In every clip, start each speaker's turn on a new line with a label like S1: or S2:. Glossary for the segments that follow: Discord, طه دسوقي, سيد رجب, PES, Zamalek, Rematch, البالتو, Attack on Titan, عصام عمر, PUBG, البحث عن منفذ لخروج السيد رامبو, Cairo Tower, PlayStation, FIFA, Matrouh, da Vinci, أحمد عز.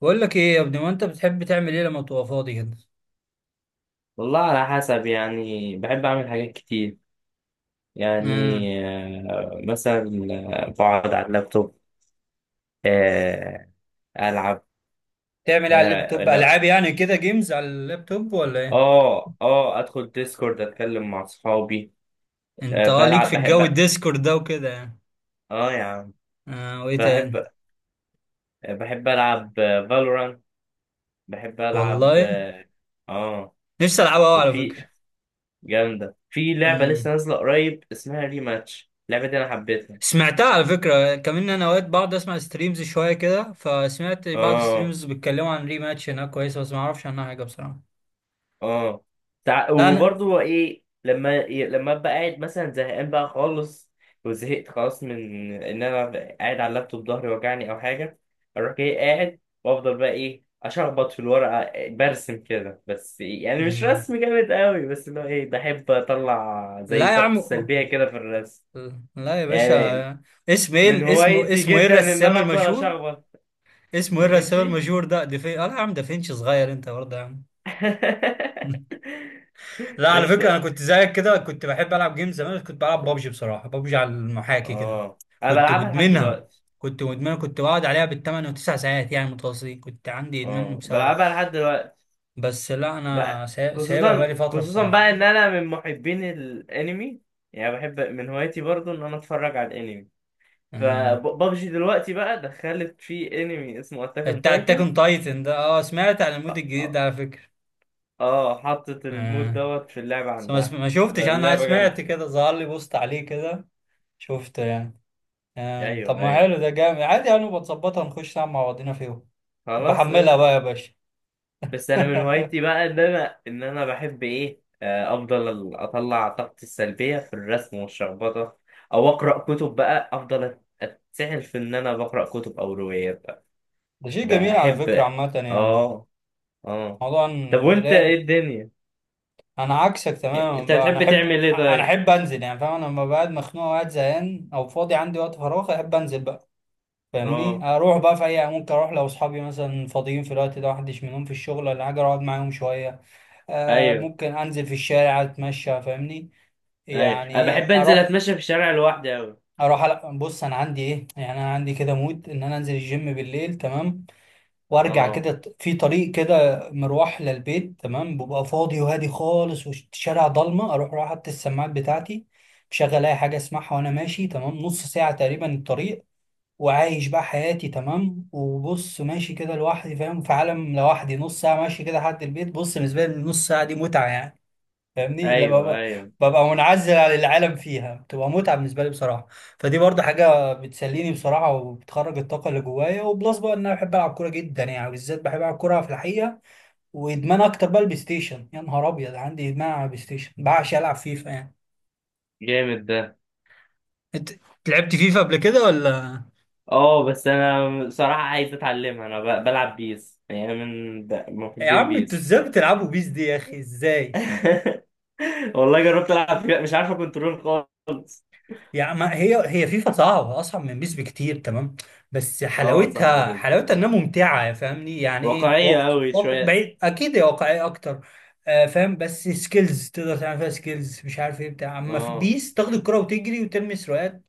S1: بقول لك ايه يا ابني؟ ما انت بتحب تعمل ايه لما تبقى فاضي كده؟
S2: والله على حسب. يعني بحب أعمل حاجات كتير، يعني.
S1: امم
S2: مثلا. بقعد على اللابتوب. آه. ألعب.
S1: تعمل ايه على
S2: آه،
S1: اللابتوب؟
S2: لا.
S1: العاب يعني كده، جيمز على اللابتوب ولا ايه؟
S2: آه، أدخل ديسكورد، أتكلم مع أصحابي.
S1: انت اه، ليك
S2: بلعب،
S1: في
S2: بحب.
S1: الجو الديسكورد ده وكده يعني؟
S2: آه يا عم.
S1: اه، وايه تاني؟
S2: بحب بحب ألعب فالورانت. بحب ألعب.
S1: والله
S2: آه. آه.
S1: نفسي العبها قوي على
S2: وفي
S1: فكره.
S2: جامدة، في لعبة
S1: امم
S2: لسه نازلة قريب اسمها ريماتش، اللعبة دي أنا حبيتها.
S1: سمعتها على فكره كمان. انا اوقات بقعد اسمع ستريمز شويه كده، فسمعت بعض
S2: آه.
S1: ستريمز بيتكلموا عن ريماتش، هناك كويسه بس ما اعرفش عنها حاجه بصراحه.
S2: اه.
S1: لا انا،
S2: وبرضه ايه، لما ابقى قاعد مثلا زهقان بقى خالص، وزهقت خلاص من ان انا قاعد على اللابتوب، ظهري وجعني او حاجه، اروح جاي قاعد وافضل بقى ايه، اشخبط في الورقه، برسم كده بس، يعني مش
S1: امم،
S2: رسم جامد قوي، بس اللي هو ايه، بحب اطلع زي
S1: لا يا
S2: طاقتي
S1: عم،
S2: السلبيه كده في الرسم.
S1: لا يا باشا.
S2: يعني
S1: اسم
S2: من
S1: ايه؟ اسمه
S2: هوايتي
S1: اسمه ايه
S2: جدا ان
S1: الرسام
S2: انا افضل
S1: المشهور؟
S2: اشخبط.
S1: اسمه ايه الرسام
S2: دافنشي.
S1: المشهور ده؟ دافين، اه لا يا عم، دافينشي صغير انت برضه يا عم. لا على
S2: يس.
S1: فكره انا كنت زيك كده، كنت بحب العب جيم زمان، بس كنت بلعب بابجي بصراحه، بابجي على المحاكي كده.
S2: اه انا
S1: كنت
S2: بلعبها لحد
S1: مدمنها،
S2: دلوقتي.
S1: كنت مدمنها، كنت بقعد عليها بالثمان وتسع ساعات يعني متواصلين، كنت عندي ادمان
S2: اه
S1: بسببها.
S2: بلعبها لحد دلوقتي
S1: بس لا انا
S2: بقى.
S1: سايبها
S2: خصوصا
S1: بقالي فتره
S2: خصوصا
S1: بصراحه.
S2: بقى ان انا من محبين الانمي. يعني بحب، من هوايتي برضو ان انا اتفرج على الانمي.
S1: آه.
S2: فببجي دلوقتي بقى دخلت في انمي اسمه اتاك اون
S1: بتاع اتاك
S2: تايتن.
S1: اون تايتن ده، اه سمعت عن المود الجديد ده
S2: اه.
S1: على فكره.
S2: حطت المود
S1: آه.
S2: دوت في اللعبة
S1: بس ما
S2: عندها.
S1: ما شفتش، انا
S2: فاللعبة جامدة.
S1: سمعت كده، ظهر لي بوست عليه كده، شفته يعني. آه. طب
S2: ايوه،
S1: ما
S2: ايوه.
S1: حلو، ده جامد عادي، هنبقى نظبطها نخش نلعب مع بعضينا فيهم. طب
S2: خلاص
S1: بحملها
S2: قشطة.
S1: بقى يا باشا.
S2: بس انا من هوايتي بقى ان انا بحب ايه، افضل اطلع طاقتي السلبيه في الرسم والشخبطه، او اقرا كتب بقى. افضل اتسحل في ان انا بقرا كتب او روايات بقى.
S1: ده شيء جميل على فكرة
S2: بحب.
S1: عامة يعني.
S2: اه. اه. طب وانت، ايه
S1: لا،
S2: الدنيا؟
S1: أنا عكسك تماما
S2: انت
S1: بقى، أنا
S2: بتحب
S1: أحب
S2: تعمل ايه
S1: أنا
S2: طيب؟
S1: أحب أنزل، يعني فاهم؟ أنا لما بقعد مخنوق وقاعد زهقان أو فاضي عندي وقت فراغ أحب أنزل بقى. فاهمني؟
S2: اه،
S1: أروح بقى في أي، ممكن أروح لو أصحابي مثلا فاضيين في الوقت ده، محدش منهم في الشغل ولا حاجة، أقعد معاهم شوية. آه،
S2: ايوه
S1: ممكن أنزل في الشارع أتمشى، فاهمني؟
S2: ايوه،
S1: يعني
S2: انا
S1: إيه،
S2: بحب انزل
S1: أروح
S2: اتمشى في الشارع لوحدي اوي.
S1: اروح بص، انا عندي ايه يعني، انا عندي كده مود ان انا انزل الجيم بالليل، تمام؟ وارجع كده،
S2: اه،
S1: في طريق كده مروح للبيت، تمام؟ ببقى فاضي وهادي خالص، والشارع ضلمه، اروح رايح حاطط السماعات بتاعتي مشغل اي حاجه اسمعها وانا ماشي، تمام؟ نص ساعه تقريبا الطريق، وعايش بقى حياتي، تمام؟ وبص ماشي كده لوحدي، فاهم؟ في عالم لوحدي نص ساعه ماشي كده لحد البيت. بص، بالنسبه لي النص ساعه دي متعه يعني. فاهمني؟ لما
S2: ايوه
S1: ببقى،
S2: ايوه،
S1: منعزل عن العالم فيها، بتبقى متعة بالنسبة لي بصراحة. فدي برضه حاجة بتسليني بصراحة، وبتخرج الطاقة اللي جوايا، وبلس بقى ان انا بحب العب كورة جدا يعني، بالذات بحب العب كورة في الحقيقة. وادمان اكتر بقى البلاي ستيشن، يا نهار ابيض عندي ادمان على البلاي ستيشن، بعشق العب فيفا يعني.
S2: جامد ده.
S1: انت لعبت فيفا قبل كده ولا؟
S2: اه، بس انا بصراحة عايز اتعلمها. انا بلعب بيس، يعني من
S1: يا
S2: محبين
S1: عم انتوا
S2: بيس.
S1: ازاي بتلعبوا بيس دي يا اخي؟ ازاي؟
S2: والله جربت العب فيها، مش عارفة كنترول خالص.
S1: يعني ما هي هي فيفا صعبة، أصعب من بيس بكتير، تمام؟ بس
S2: اه صعب
S1: حلاوتها،
S2: جدا.
S1: حلاوتها إنها ممتعة، فاهمني؟ يعني إيه،
S2: واقعية اوي شوية.
S1: بعيد، أكيد هي واقعية أكتر. آه فاهم، بس سكيلز تقدر تعمل فيها، سكيلز مش عارف إيه بتاع، أما في
S2: اه،
S1: بيس تاخد الكرة وتجري وترمي سروقات.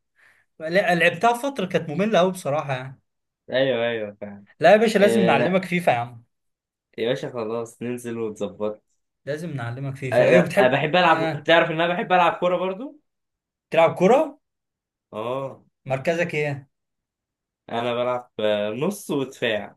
S1: لا لعبتها فترة كانت مملة أوي بصراحة يعني.
S2: ايوه ايوه، فاهم.
S1: لا يا باشا لازم
S2: إيه؟
S1: نعلمك
S2: لا
S1: فيفا يا عم.
S2: يا باشا، خلاص ننزل ونظبط.
S1: لازم نعلمك فيفا. إيه
S2: أنا
S1: بتحب؟
S2: بحب العب.
S1: آه،
S2: تعرف ان انا بحب العب كورة برضو.
S1: تلعب كرة؟
S2: اه.
S1: مركزك إيه؟
S2: انا بلعب نص ودفاع.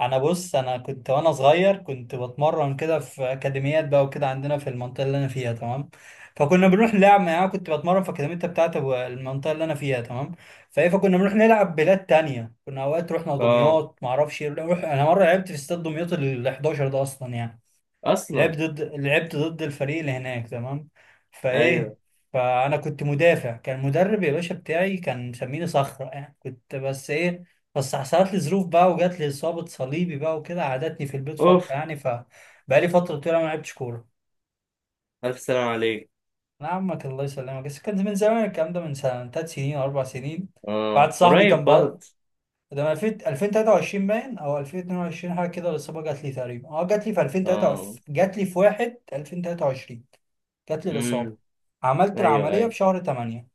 S1: انا بص، انا كنت وانا صغير كنت بتمرن كده في اكاديميات بقى وكده، عندنا في المنطقه اللي انا فيها، تمام؟ فكنا بنروح نلعب يعني، انا كنت بتمرن في اكاديميه بتاعت المنطقه اللي انا فيها، تمام؟ فايه، فكنا بنروح نلعب بلاد تانية، كنا اوقات رحنا
S2: اه،
S1: دمياط، ما اعرفش إيه، نروح، انا مره لعبت في استاد دمياط ال 11 ده اصلا يعني.
S2: اصلا.
S1: لعبت ضد الفريق اللي هناك، تمام؟ فايه،
S2: ايوه.
S1: فانا كنت مدافع، كان المدرب يا باشا بتاعي كان مسميني صخره يعني، كنت بس ايه، بس حصلت لي ظروف بقى وجات لي اصابه صليبي بقى وكده، قعدتني في البيت فتره
S2: اوف.
S1: يعني، فبقى لي فتره طويله ما لعبتش كوره.
S2: الف سلام عليك.
S1: نعمك الله يسلمك، بس كان من زمان الكلام ده، من سنه، ثلاث سنين او اربع سنين،
S2: اه
S1: بعد صاحبي كان
S2: قريب
S1: بقى.
S2: برضه.
S1: ده من 2000 2023 باين او 2022 حاجه كده، الاصابه جات لي تقريبا، اه جات لي في
S2: اه.
S1: 2023، جات لي في 1 2023، جات لي
S2: امم
S1: الاصابه. عملت
S2: ايوه
S1: العمليه في
S2: ايوه.
S1: شهر 8.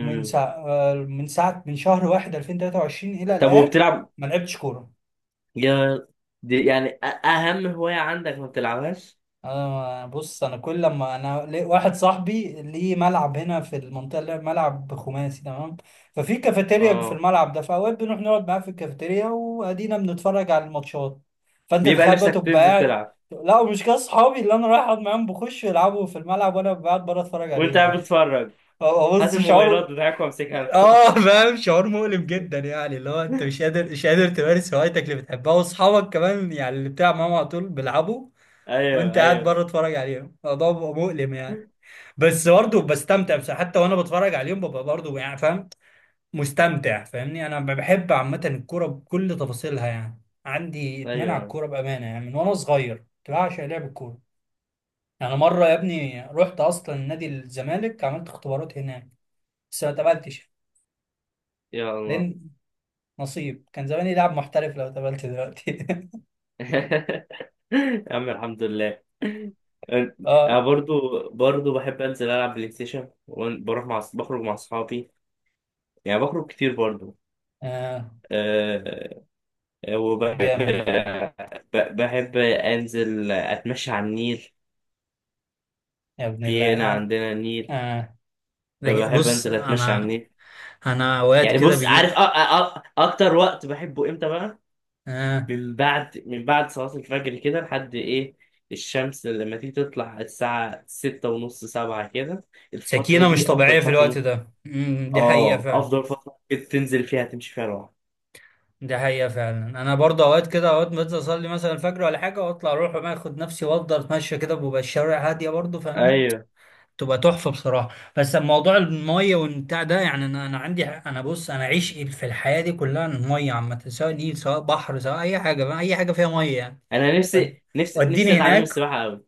S1: من ساعه آه، من ساعه من شهر 1 2023 الى
S2: طب
S1: الان
S2: وبتلعب؟
S1: ما لعبتش كوره.
S2: يا، دي يعني اهم هواية عندك ما بتلعبهاش.
S1: انا بص انا كل لما انا واحد صاحبي ليه ملعب هنا في المنطقه، اللي ملعب خماسي، تمام؟ ففي كافيتيريا في
S2: اه،
S1: الملعب ده، فاوقات بنروح نقعد معاه في الكافيتيريا وادينا بنتفرج على الماتشات. فانت
S2: بيبقى
S1: تخيل بقى،
S2: نفسك
S1: تبقى
S2: تنزل
S1: قاعد،
S2: تلعب.
S1: لا مش كده، صحابي اللي انا رايح اقعد معاهم بخش يلعبوا في الملعب وانا قاعد بره اتفرج
S2: وانت
S1: عليهم يا
S2: قاعد
S1: اخي.
S2: بتتفرج؟
S1: هو
S2: هات
S1: بص
S2: الموبايلات
S1: شعور،
S2: بتاعك وامسكها أنا.
S1: اه فاهم؟ شعور مؤلم جدا يعني، اللي هو انت مش قادر، تمارس هوايتك اللي بتحبها، واصحابك كمان يعني اللي بتلعب معاهم على طول بيلعبوا
S2: ايوه
S1: وانت قاعد بره
S2: ايوه
S1: اتفرج عليهم، الموضوع بيبقى مؤلم يعني. بس برضه بستمتع، بس حتى وانا بتفرج عليهم ببقى برضه يعني فاهم، مستمتع، فاهمني؟ انا بحب عامه الكوره بكل تفاصيلها يعني، عندي ادمان على
S2: ايوه.
S1: الكوره بامانه يعني، من وانا صغير كنت بعشق لعب الكوره. يعني مره يا ابني رحت اصلا نادي الزمالك، عملت اختبارات هناك بس ما اتقبلتش
S2: يا الله.
S1: لان نصيب، كان زماني لاعب محترف لو اتقبلت دلوقتي.
S2: يا عم، الحمد لله. انا
S1: اه،
S2: برضو بحب انزل العب بلاي ستيشن. وبروح بخرج مع اصحابي. يعني بخرج كتير برضو.
S1: اه
S2: آه. وبحب،
S1: جامد.
S2: بحب أنزل أتمشى على النيل.
S1: يا ابن الله،
S2: في هنا
S1: اه،
S2: عندنا نيل،
S1: اه
S2: فبحب
S1: بص
S2: أنزل أتمشى على
S1: انا،
S2: النيل.
S1: اوقات
S2: يعني
S1: كده
S2: بص،
S1: بيجي.
S2: عارف أ أ أ أكتر وقت بحبه إمتى بقى؟
S1: آه.
S2: من بعد صلاة الفجر كده لحد إيه، الشمس لما تيجي تطلع، الساعة 6:30، 7 كده. الفترة
S1: سكينه مش
S2: دي أفضل
S1: طبيعيه في
S2: فترة
S1: الوقت
S2: ممكن.
S1: ده، دي حقيقه
S2: آه،
S1: فعلا.
S2: أفضل فترة ممكن تنزل فيها تمشي فيها لوحدك.
S1: دي حقيقه فعلا، انا برضه اوقات كده، اوقات بنزل اصلي مثلا الفجر ولا حاجه، واطلع اروح بقى اخد نفسي وافضل اتمشى كده، بيبقى الشوارع هاديه برضه، فاهمني؟
S2: أيوه.
S1: تبقى تحفه بصراحه. بس موضوع الميه والبتاع ده يعني، انا عندي، انا بص انا عشق في الحياه دي كلها الميه عامه، سواء نيل، سواء بحر، سواء اي حاجه بقى، اي حاجه فيها ميه يعني.
S2: أنا
S1: ود-
S2: نفسي نفسي
S1: وديني
S2: نفسي أتعلم
S1: هناك.
S2: السباحة أوي.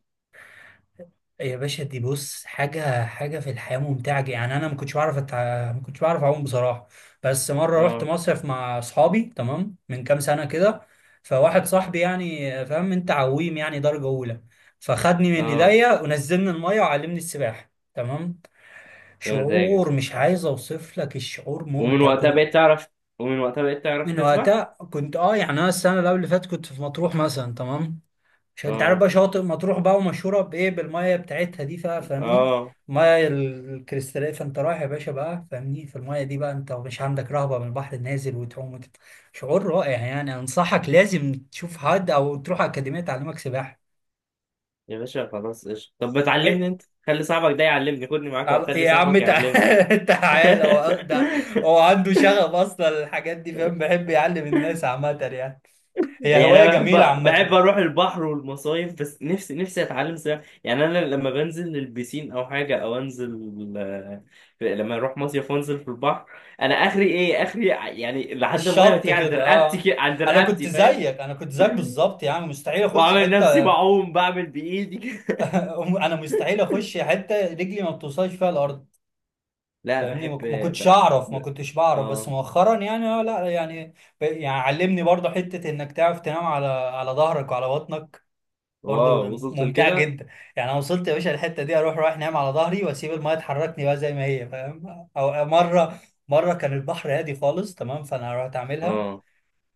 S1: يا باشا دي بص حاجة، حاجة في الحياة ممتعة جدا. يعني أنا ما كنتش بعرف ما كنتش بعرف أعوم بصراحة. بس مرة رحت
S2: آه.
S1: مصيف مع أصحابي، تمام، من كام سنة كده. فواحد صاحبي، يعني فاهم أنت، عويم يعني درجة أولى، فخدني من
S2: آه.
S1: إيديا ونزلني المية وعلمني السباحة، تمام؟
S2: يا مزاجك.
S1: شعور مش عايز أوصف لك، الشعور
S2: ومن
S1: ممتع
S2: وقتها
S1: كنت.
S2: بقيت تعرف؟ ومن وقتها بقيت تعرف
S1: من
S2: تسبح؟
S1: وقتها كنت أه يعني، أنا السنة اللي قبل اللي فاتت كنت في مطروح مثلا، تمام؟ عشان انت عارف
S2: اه.
S1: بقى شواطئ مطروح بقى، ومشهوره بايه، بالميه بتاعتها دي، فاهمني؟
S2: اه.
S1: الميه الكريستاليه. فانت رايح يا باشا بقى فاهمني، في الميه دي بقى، انت مش عندك رهبه من البحر، النازل وتعوم وتت... شعور رائع يعني، انصحك لازم تشوف حد او تروح اكاديميه تعلمك سباحه.
S2: يا باشا خلاص، ايش، طب ما تعلمني
S1: إيه؟
S2: انت. خلي صاحبك ده يعلمني. خدني معاك
S1: على-
S2: وخلي
S1: يا عم
S2: صاحبك
S1: تع-
S2: يعلمني.
S1: تعالى هو ده. هو عنده شغف اصلا الحاجات دي، فاهم بيحب يعلم الناس عامه يعني. هي
S2: يعني
S1: هوايه
S2: انا
S1: جميله
S2: بحب،
S1: عامه.
S2: اروح البحر والمصايف. بس نفسي، اتعلم سباحه. يعني انا لما بنزل للبسين او حاجه، او انزل، آه، لما اروح مصيف وانزل في البحر، انا اخري ايه اخري، يعني لحد الميه ما
S1: الشط
S2: تيجي عند
S1: كده
S2: رقبتي
S1: اه.
S2: عند رقبتي، فاهم؟
S1: انا كنت زيك بالظبط يعني، مستحيل اخش
S2: واعمل نفسي
S1: حته.
S2: بعوم، بعمل بايدي.
S1: انا مستحيل اخش حته رجلي ما بتوصلش فيها الارض،
S2: لا
S1: فاهمني؟ ما
S2: بحب.
S1: ما كنتش
S2: ب...
S1: اعرف،
S2: ب...
S1: ما كنتش بعرف، بس
S2: اه.
S1: مؤخرا يعني اه، لا يعني، يعني علمني برضه حته انك تعرف تنام على على ظهرك وعلى بطنك،
S2: واو،
S1: برضه
S2: وصلت
S1: ممتعه
S2: لكده؟
S1: جدا. يعني انا وصلت يا باشا الحته دي اروح رايح نايم على ظهري واسيب الميه تحركني بقى زي ما هي، فاهم؟ او مره، كان البحر هادي خالص تمام، فانا رحت اعملها.
S2: اه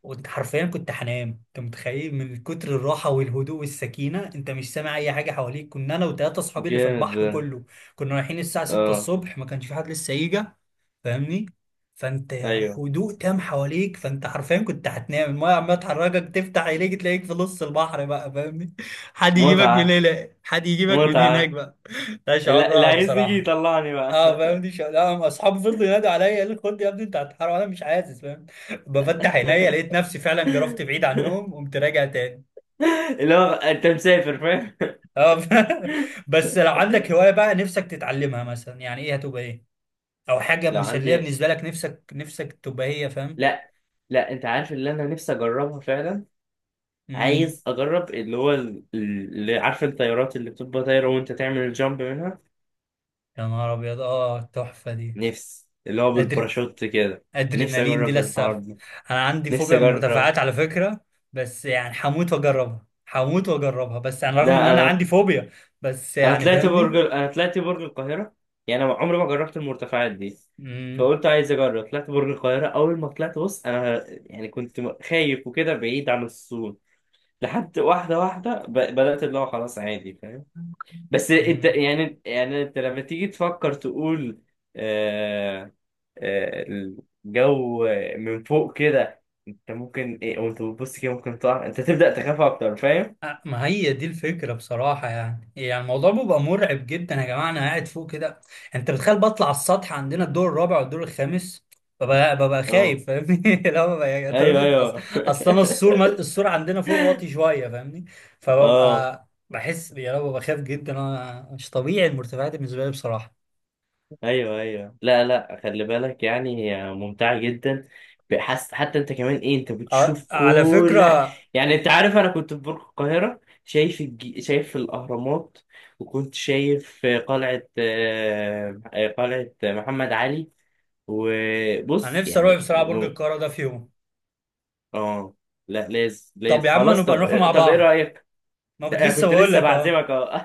S1: وانت حرفيا كنت هنام، انت متخيل؟ من كتر الراحه والهدوء والسكينه انت مش سامع اي حاجه حواليك، كنا انا وثلاثه اصحابي اللي في
S2: جامد
S1: البحر
S2: ده.
S1: كله، كنا رايحين الساعه 6
S2: اه.
S1: الصبح، ما كانش في حد لسه يجي، فاهمني؟ فانت
S2: ايوه.
S1: هدوء تام حواليك، فانت حرفيا كنت هتنام، المايه عماله تحركك، تفتح عينيك تلاقيك في نص البحر بقى، فاهمني؟ حد يجيبك من
S2: متعة،
S1: هنا، حد يجيبك من هناك
S2: متعة.
S1: بقى. ده شعور
S2: اللي
S1: رائع
S2: عايزني يجي
S1: بصراحه.
S2: يطلعني بقى.
S1: اه فاهمني، لا اصحابي فضلوا ينادوا عليا، قالوا لي خد يا ابني انت هتحرق، وانا مش عايز فاهم، بفتح عينيا لقيت نفسي فعلا جرفت بعيد عنهم، قمت راجع تاني.
S2: اللي هو انت مسافر، فاهم.
S1: اه بس لو عندك هوايه بقى نفسك تتعلمها مثلا يعني ايه؟ هتبقى ايه، او حاجه
S2: لو
S1: مسليه
S2: عندي،
S1: بالنسبه لك، نفسك نفسك تبقى هي، فاهم؟
S2: لا. لا انت عارف، اللي انا نفسي اجربها فعلا،
S1: امم
S2: عايز اجرب، اللي هو اللي، عارف الطيارات اللي بتبقى طايره وانت تعمل الجامب منها.
S1: يا نهار ابيض، اه التحفه دي.
S2: نفسي، اللي هو
S1: أدر...
S2: بالباراشوت كده. نفسي
S1: ادرينالين دي
S2: اجرب الحوار
S1: للسف.
S2: ده.
S1: انا عندي
S2: نفسي
S1: فوبيا من
S2: اجرب.
S1: المرتفعات على فكره، بس يعني هموت واجربها، هموت واجربها، بس يعني رغم ان
S2: لا
S1: انا
S2: انا،
S1: عندي فوبيا، بس يعني فاهمني.
S2: انا طلعت برج القاهره. يعني انا عمري ما جربت المرتفعات دي،
S1: امم
S2: فقلت عايز اجرب. طلعت برج القاهره، اول ما طلعت، بص انا يعني كنت خايف وكده، بعيد عن الصوت، لحد واحده واحده بدات اللي هو خلاص عادي، فاهم؟ بس انت،
S1: امم
S2: يعني انت لما تيجي تفكر تقول، آه، آه، الجو من فوق كده، انت ممكن ايه، وانت بتبص كده ممكن تقع، انت تبدا تخاف اكتر، فاهم؟
S1: أه، ما هي دي الفكرة بصراحة يعني، يعني الموضوع بيبقى مرعب جدا يا جماعة، أنا قاعد فوق كده. أنت بتخيل؟ بطلع على السطح عندنا الدور الرابع والدور الخامس، ببقى
S2: اه،
S1: خايف فاهمني. لا ببقى يعني، طب
S2: ايوه
S1: افرض
S2: ايوه.
S1: أصل أنا السور السور عندنا فوق واطي شوية، فاهمني؟
S2: اه،
S1: فببقى بحس يا رب، ببقى خايف جدا، أنا مش طبيعي المرتفعات بالنسبة لي بصراحة.
S2: ايوه ايوه. لا، لا، خلي بالك يعني، هي ممتعه جدا. بحس حتى انت كمان ايه، انت
S1: أه،
S2: بتشوف
S1: على
S2: كل حاجه.
S1: فكرة
S2: يعني انت عارف، انا كنت في برج القاهره شايف شايف الاهرامات، وكنت شايف قلعه، قلعه محمد علي.
S1: أنا
S2: وبص
S1: نفسي أروح
S2: يعني
S1: بصراحة برج القاهرة ده في يوم.
S2: اه. لا، لازم
S1: طب
S2: لازم
S1: يا عم
S2: خلاص. طب
S1: نبقى نروح مع
S2: طب ايه
S1: بعض،
S2: رايك؟
S1: ما كنت
S2: أنا
S1: لسه
S2: كنت
S1: بقول
S2: لسه
S1: لك أهو.
S2: بعزمك اهو.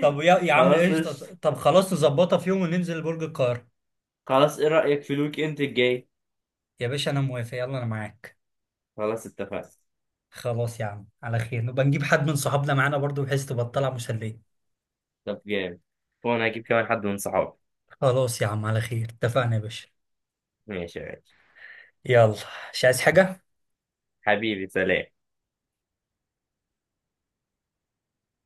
S1: طب يا عم
S2: خلاص
S1: قشطة،
S2: قشطة.
S1: طب خلاص نظبطها في يوم وننزل برج القاهرة.
S2: خلاص، ايه رايك في الويك اند الجاي؟
S1: يا باشا أنا موافق، يلا أنا معاك.
S2: خلاص اتفقنا.
S1: خلاص يا عم على خير، نبقى نجيب حد من صحابنا معانا برضو بحيث تبقى الطلعة مسلية.
S2: طب جامد. وانا هجيب كمان حد من صحابي.
S1: خلاص يا عم على خير، اتفقنا يا باشا.
S2: ماشي، ماشي.
S1: يلا، مش عايز حاجة.
S2: حبيبي، سلام.